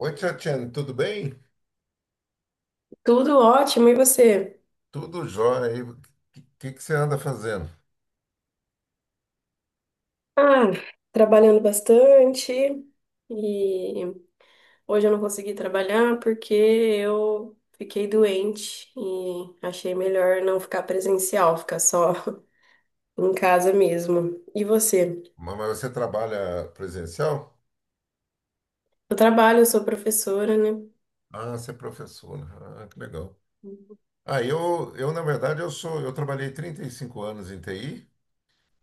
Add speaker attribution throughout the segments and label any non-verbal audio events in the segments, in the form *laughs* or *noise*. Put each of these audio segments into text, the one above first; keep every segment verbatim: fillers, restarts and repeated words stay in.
Speaker 1: Oi, Tchatchen, tudo bem?
Speaker 2: Tudo ótimo, e você?
Speaker 1: Tudo jóia aí. O que, que que você anda fazendo?
Speaker 2: Ah, trabalhando bastante e hoje eu não consegui trabalhar porque eu fiquei doente e achei melhor não ficar presencial, ficar só *laughs* em casa mesmo. E você?
Speaker 1: Ma- Mas você trabalha presencial?
Speaker 2: Eu trabalho, eu sou professora, né?
Speaker 1: Ah, você é professora. Ah, que legal. Ah, eu, eu na verdade, eu sou, eu trabalhei trinta e cinco anos em T I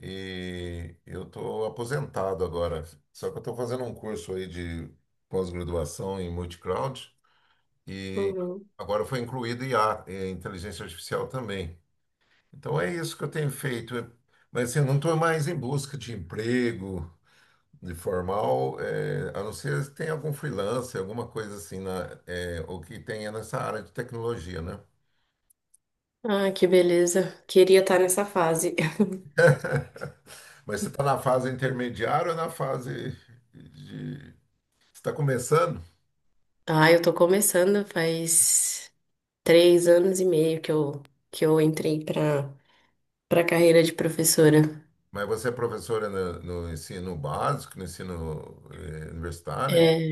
Speaker 1: e eu estou aposentado agora. Só que eu estou fazendo um curso aí de pós-graduação em multicloud e
Speaker 2: Uhum.
Speaker 1: agora foi incluído I A, eh, inteligência artificial também. Então é isso que eu tenho feito. Mas assim, eu não estou mais em busca de emprego. De formal, é, a não ser se tem algum freelancer, alguma coisa assim, na, é, o que tenha nessa área de tecnologia, né?
Speaker 2: Ah, que beleza. Queria estar nessa fase. *laughs*
Speaker 1: *laughs* Mas você está na fase intermediária ou na fase de... Você está começando,
Speaker 2: Ah, eu tô começando faz três anos e meio que eu, que eu entrei pra, pra carreira de professora.
Speaker 1: mas você é professora no, no ensino básico, no ensino eh, universitário,
Speaker 2: É,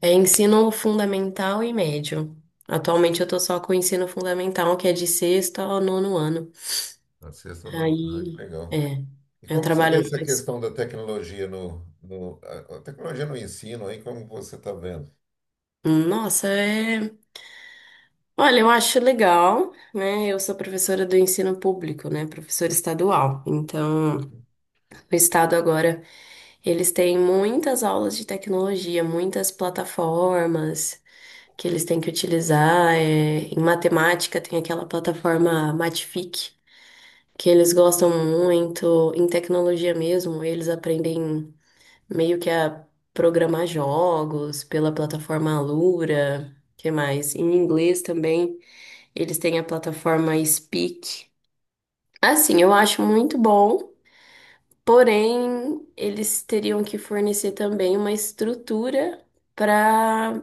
Speaker 2: é ensino fundamental e médio. Atualmente eu tô só com o ensino fundamental, que é de sexto ao nono ano.
Speaker 1: na sexta, ou nono ano, que
Speaker 2: Aí,
Speaker 1: legal.
Speaker 2: é,
Speaker 1: E
Speaker 2: eu
Speaker 1: como você vê
Speaker 2: trabalho
Speaker 1: essa
Speaker 2: numa... es-
Speaker 1: questão da tecnologia no, no- a a tecnologia no ensino aí, como você está vendo?
Speaker 2: Nossa, é... Olha, eu acho legal, né? Eu sou professora do ensino público, né? Professora estadual. Então, o estado agora, eles têm muitas aulas de tecnologia, muitas plataformas que eles têm que utilizar. é, Em matemática tem aquela plataforma Matific, que eles gostam muito em tecnologia mesmo, eles aprendem meio que a programar jogos pela plataforma Alura, que mais? Em inglês também, eles têm a plataforma Speak. Assim, eu acho muito bom, porém, eles teriam que fornecer também uma estrutura para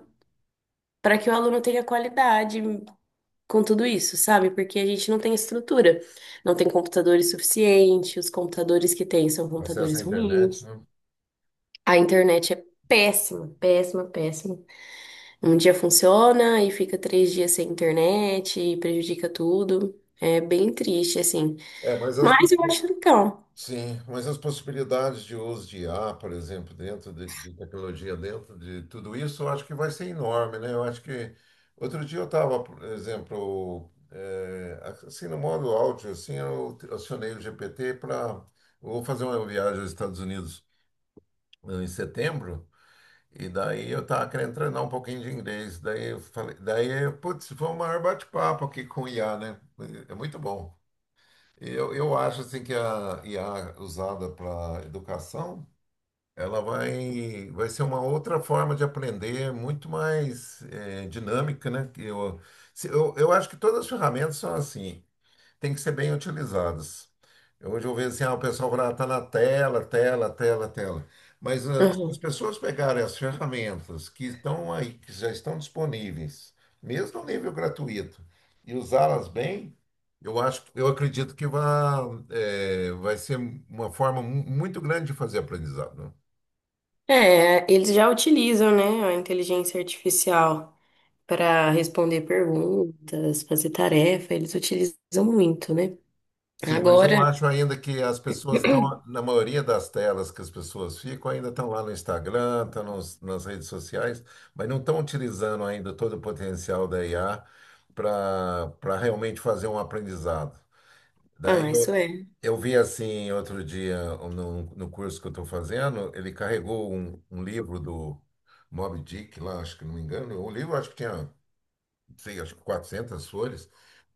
Speaker 2: para que o aluno tenha qualidade com tudo isso, sabe? Porque a gente não tem estrutura, não tem computadores suficientes, os computadores que tem são
Speaker 1: Acesso à
Speaker 2: computadores
Speaker 1: internet,
Speaker 2: ruins,
Speaker 1: né?
Speaker 2: a internet é péssima, péssima, péssima. Um dia funciona e fica três dias sem internet e prejudica tudo. É bem triste, assim.
Speaker 1: É, mas as
Speaker 2: Mas eu acho legal.
Speaker 1: Sim, mas as possibilidades de uso de I A, por exemplo, dentro de, de tecnologia, dentro de tudo isso, eu acho que vai ser enorme, né? Eu acho que outro dia eu estava, por exemplo, eh, assim no modo áudio, assim, eu acionei o G P T para vou fazer uma viagem aos Estados Unidos eh, em setembro e daí eu estava querendo treinar um pouquinho de inglês, daí eu falei, daí putz, foi um maior bate-papo aqui com o I A, né? É muito bom. Eu, eu acho assim que a I A usada para educação, ela vai, vai ser uma outra forma de aprender, muito mais eh, dinâmica, né? Que Eu, se- eu, eu acho que todas as ferramentas são assim têm que ser bem utilizadas. Hoje eu vejo assim, ah, o pessoal fala, está na tela, tela, tela, tela. Mas ah, se as
Speaker 2: Uhum.
Speaker 1: pessoas pegarem as ferramentas que estão aí, que já estão disponíveis, mesmo no nível gratuito, e usá-las bem, eu acho, eu acredito que vai, vai ser uma forma mu- muito grande de fazer aprendizado.
Speaker 2: É, eles já utilizam, né, a inteligência artificial para responder perguntas, fazer tarefa, eles utilizam muito, né?
Speaker 1: Sim, mas eu
Speaker 2: Agora,
Speaker 1: acho ainda que as pessoas estão, na maioria das telas que as pessoas ficam, ainda estão lá no Instagram, estão nos- nas redes sociais, mas não estão utilizando ainda todo o potencial da I A para para realmente fazer um aprendizado. Daí
Speaker 2: ah,
Speaker 1: eu,
Speaker 2: isso é.
Speaker 1: eu vi assim outro dia no, no curso que eu estou fazendo, ele carregou um, um livro do Moby Dick lá, acho que não me engano, o livro acho que tinha, não sei, acho que quatrocentas folhas,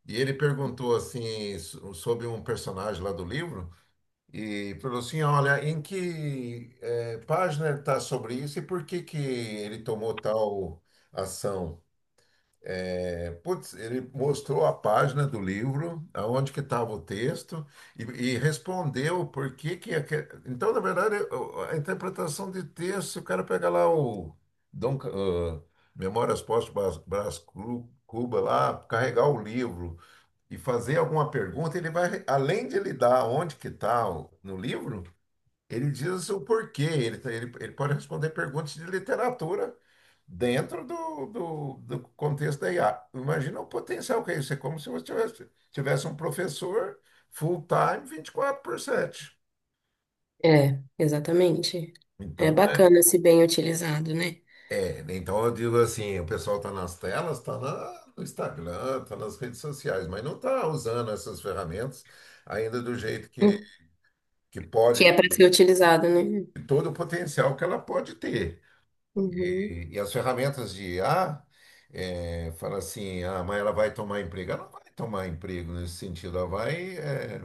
Speaker 1: e ele perguntou assim so- sobre um personagem lá do livro. E falou assim, olha, em que eh, página ele está sobre isso e por que que ele tomou tal ação? É, putz, ele mostrou a página do livro, aonde que estava o texto e, e respondeu por que é que... aque- Então, na verdade, o- a interpretação de texto, se o cara pega lá o Dom, Ca- ah, Memórias Póstumas Brás Brás Cru- Cuba lá, carregar o livro e fazer alguma pergunta, ele vai, além de ele dar onde que está o- no livro, ele diz assim o porquê, ele, tá- ele, ele pode responder perguntas de literatura dentro do, do, do contexto da I A. Imagina o potencial que é isso, é como se você tivesse, tivesse um professor full-time vinte e quatro por sete.
Speaker 2: É, exatamente. É
Speaker 1: Então, é,
Speaker 2: bacana se bem utilizado, né?
Speaker 1: é, então eu digo assim, o pessoal está nas telas, está no Instagram, está nas redes sociais, mas não está usando essas ferramentas ainda do jeito que,
Speaker 2: Hum.
Speaker 1: que
Speaker 2: Que
Speaker 1: pode,
Speaker 2: é para ser
Speaker 1: e
Speaker 2: utilizado, né?
Speaker 1: todo o potencial que ela pode ter.
Speaker 2: Uhum.
Speaker 1: E, e as ferramentas de I A, eh, fala assim, ah, mas ela vai tomar emprego. Ela não vai tomar emprego nesse sentido, ela vai. Eh,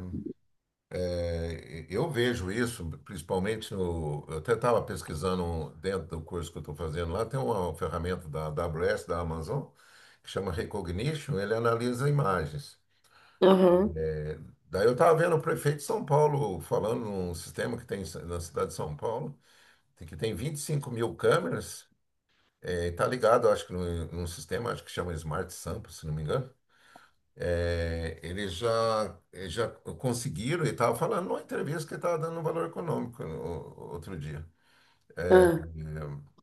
Speaker 1: eh, eu vejo isso, principalmente no. Eu até estava pesquisando um- dentro do curso que eu estou fazendo lá, tem uma ferramenta da A W S, da Amazon, que chama Recognition, ele analisa imagens.
Speaker 2: Aham.
Speaker 1: Daí eu estava vendo o prefeito de São Paulo falando num sistema que tem na cidade de São Paulo, que tem vinte e cinco mil câmeras. Está ligado, acho que num, num sistema, acho que chama Smart Sample, se não me engano. É, eles já, eles já conseguiram, e estava falando numa entrevista que estava dando um valor econômico no- outro dia. É,
Speaker 2: Ah.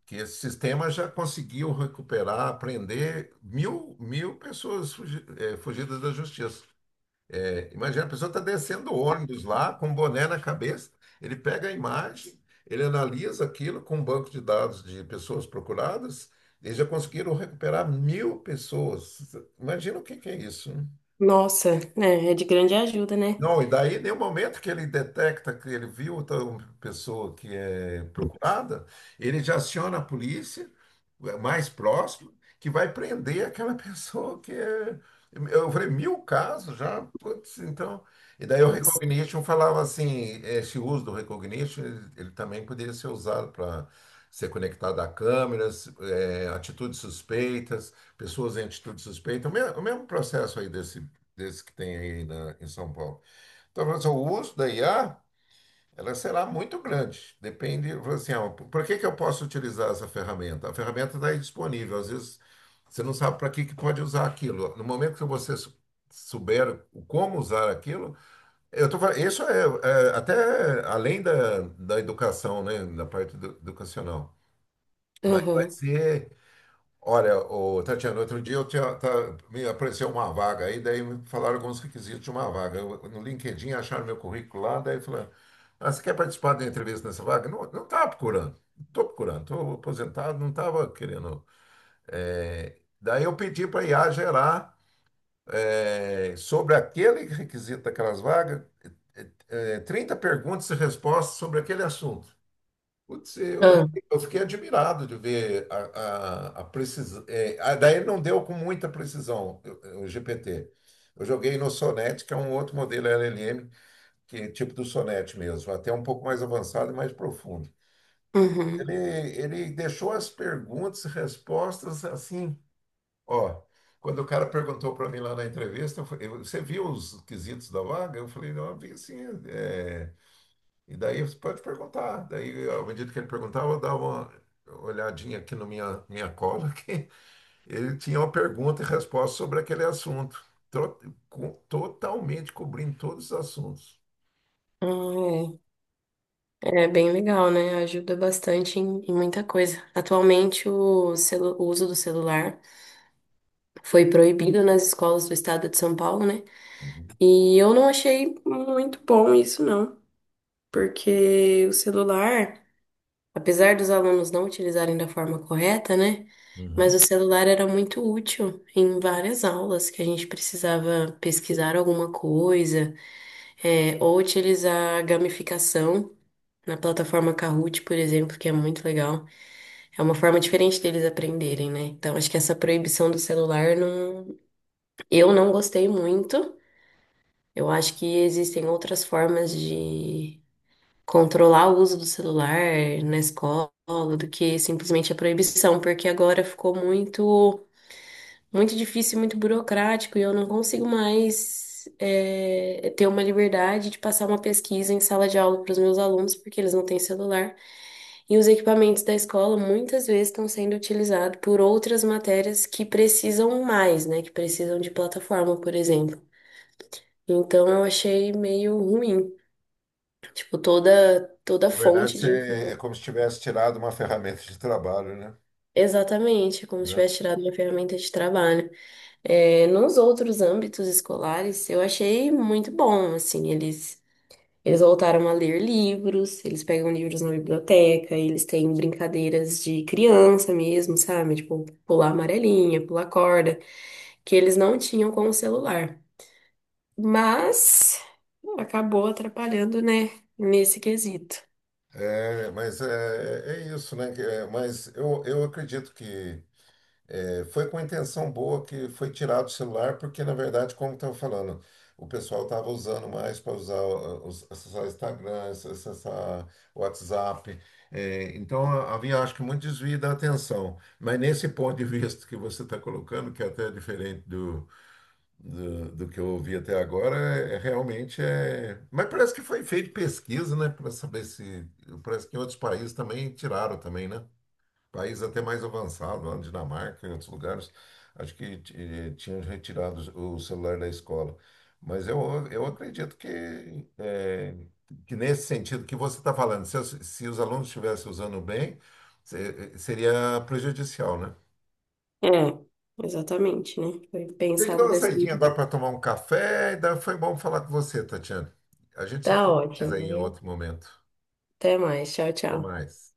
Speaker 1: que esse sistema já conseguiu recuperar, prender mil, mil pessoas fugi- é, fugidas da justiça. É, imagina, a pessoa está descendo o ônibus lá, com um boné na cabeça, ele pega a imagem, ele analisa aquilo com um banco de dados de pessoas procuradas, eles já conseguiram recuperar mil pessoas. Imagina o que que é isso,
Speaker 2: Nossa, é, é de grande ajuda, né?
Speaker 1: não, e daí, no momento que ele detecta que ele viu outra pessoa que é procurada, ele já aciona a polícia eh, mais próxima, que vai prender aquela *laughs* pessoa que é. Eu falei, mil casos já, putz, então. E daí o
Speaker 2: Nossa.
Speaker 1: recognition falava assim: esse uso do recognition, ele, ele também poderia ser usado para ser conectado a câmeras, eh, atitudes suspeitas, pessoas em atitudes suspeitas, o mesmo, o mesmo processo aí desse, desse que tem aí na- em São Paulo. Então, mas o uso da I A, ela será muito grande. Depende, assim, ó, para que que eu posso utilizar essa ferramenta? A ferramenta está aí disponível. Às vezes, você não sabe para que que pode usar aquilo. No momento que você sou- souber o como usar aquilo, eu tô falando, isso é, é até além da, da educação, né, da parte edu- educacional. Mas vai
Speaker 2: Aham.
Speaker 1: ser Olha, ô, Tatiana, outro dia eu tinha- tá- me apareceu uma vaga aí, daí me falaram alguns requisitos de uma vaga. Eu- no LinkedIn acharam meu currículo lá, daí falaram, ah, você quer participar da entrevista nessa vaga? Não, não estava procurando, não estou procurando, estou aposentado, não estava querendo. É, daí eu pedi para a I A gerar é, sobre aquele requisito daquelas vagas, é, é, trinta perguntas e respostas sobre aquele assunto. Putz, eu, eu
Speaker 2: Ah.
Speaker 1: fiquei eu fiquei admirado de ver a, a, precisão. Daí ele não deu com muita precisão eu- eu- o G P T. Eu joguei no Sonnet, que é um outro modelo L L M, que é tipo do Sonnet mesmo, até um pouco mais avançado e mais profundo.
Speaker 2: Uhum.
Speaker 1: Ele, ele deixou as perguntas e respostas assim, ó. Quando o cara perguntou para mim lá na entrevista, eu falei, você viu os quesitos da vaga? Eu falei, não, eu vi sim. é, e daí você pode perguntar. Daí, à medida que ele perguntava, eu dava uma olhadinha aqui na minha, minha cola, *laughs* que ele tinha uma pergunta e resposta sobre aquele assunto. Tro- co- Totalmente cobrindo todos os assuntos.
Speaker 2: Ah, é. É bem legal, né? Ajuda bastante em, em muita coisa. Atualmente, o, celu- o uso do celular foi proibido nas escolas do estado de São Paulo, né?
Speaker 1: Uhum.
Speaker 2: E eu não achei muito bom isso, não. Porque o celular. Apesar dos alunos não utilizarem da forma correta, né? Mas
Speaker 1: Uhum.
Speaker 2: o celular era muito útil em várias aulas que a gente precisava pesquisar alguma coisa, é, ou utilizar a gamificação na plataforma Kahoot, por exemplo, que é muito legal. É uma forma diferente deles aprenderem, né? Então, acho que essa proibição do celular não eu não gostei muito. Eu acho que existem outras formas de controlar o uso do celular na escola do que simplesmente a proibição, porque agora ficou muito, muito difícil, muito burocrático e eu não consigo mais eh, ter uma liberdade de passar uma pesquisa em sala de aula para os meus alunos, porque eles não têm celular. E os equipamentos da escola muitas vezes estão sendo utilizados por outras matérias que precisam mais, né? Que precisam de plataforma, por exemplo. Então eu achei meio ruim. Tipo, toda toda
Speaker 1: Na verdade,
Speaker 2: fonte de
Speaker 1: você, é como se tivesse tirado uma ferramenta de trabalho, né?
Speaker 2: Exatamente, é como se
Speaker 1: Né?
Speaker 2: tivesse tirado minha ferramenta de trabalho. É, nos outros âmbitos escolares, eu achei muito bom, assim, eles, eles voltaram a ler livros, eles pegam livros na biblioteca, eles têm brincadeiras de criança mesmo, sabe? Tipo, pular amarelinha, pular corda, que eles não tinham com o celular. Mas acabou atrapalhando, né, nesse quesito.
Speaker 1: É, mas é, é isso, né? Que é- Mas eu, eu acredito que É, foi com intenção boa que foi tirado o celular, porque na verdade, como eu estava falando, o pessoal estava usando mais para usar o- os- acessar o Instagram, acessar o WhatsApp. É, então a- havia, acho que, muito desvio da atenção. Mas nesse ponto de vista que você está colocando, que é até diferente do, do, do que eu ouvi até agora, é, é, realmente é. Mas parece que foi feito pesquisa, né, para saber se. Parece que em outros países também tiraram também, né? País até mais avançado, lá na Dinamarca, em outros lugares, acho que eh, tinham retirado o celular da escola. Mas eu, eu acredito que, eh, que nesse sentido que você está falando, se, os se os alunos estivessem usando bem, se- seria prejudicial, né?
Speaker 2: É, exatamente, né? Foi
Speaker 1: Tem que dar
Speaker 2: pensado
Speaker 1: uma
Speaker 2: dessa
Speaker 1: saidinha agora
Speaker 2: maneira.
Speaker 1: para tomar um café, e daí foi bom falar com você, Tatiana. A gente se fala
Speaker 2: Tá
Speaker 1: mais aí
Speaker 2: ótimo,
Speaker 1: em
Speaker 2: viu?
Speaker 1: outro momento.
Speaker 2: Até mais. Tchau,
Speaker 1: Até
Speaker 2: tchau.
Speaker 1: mais.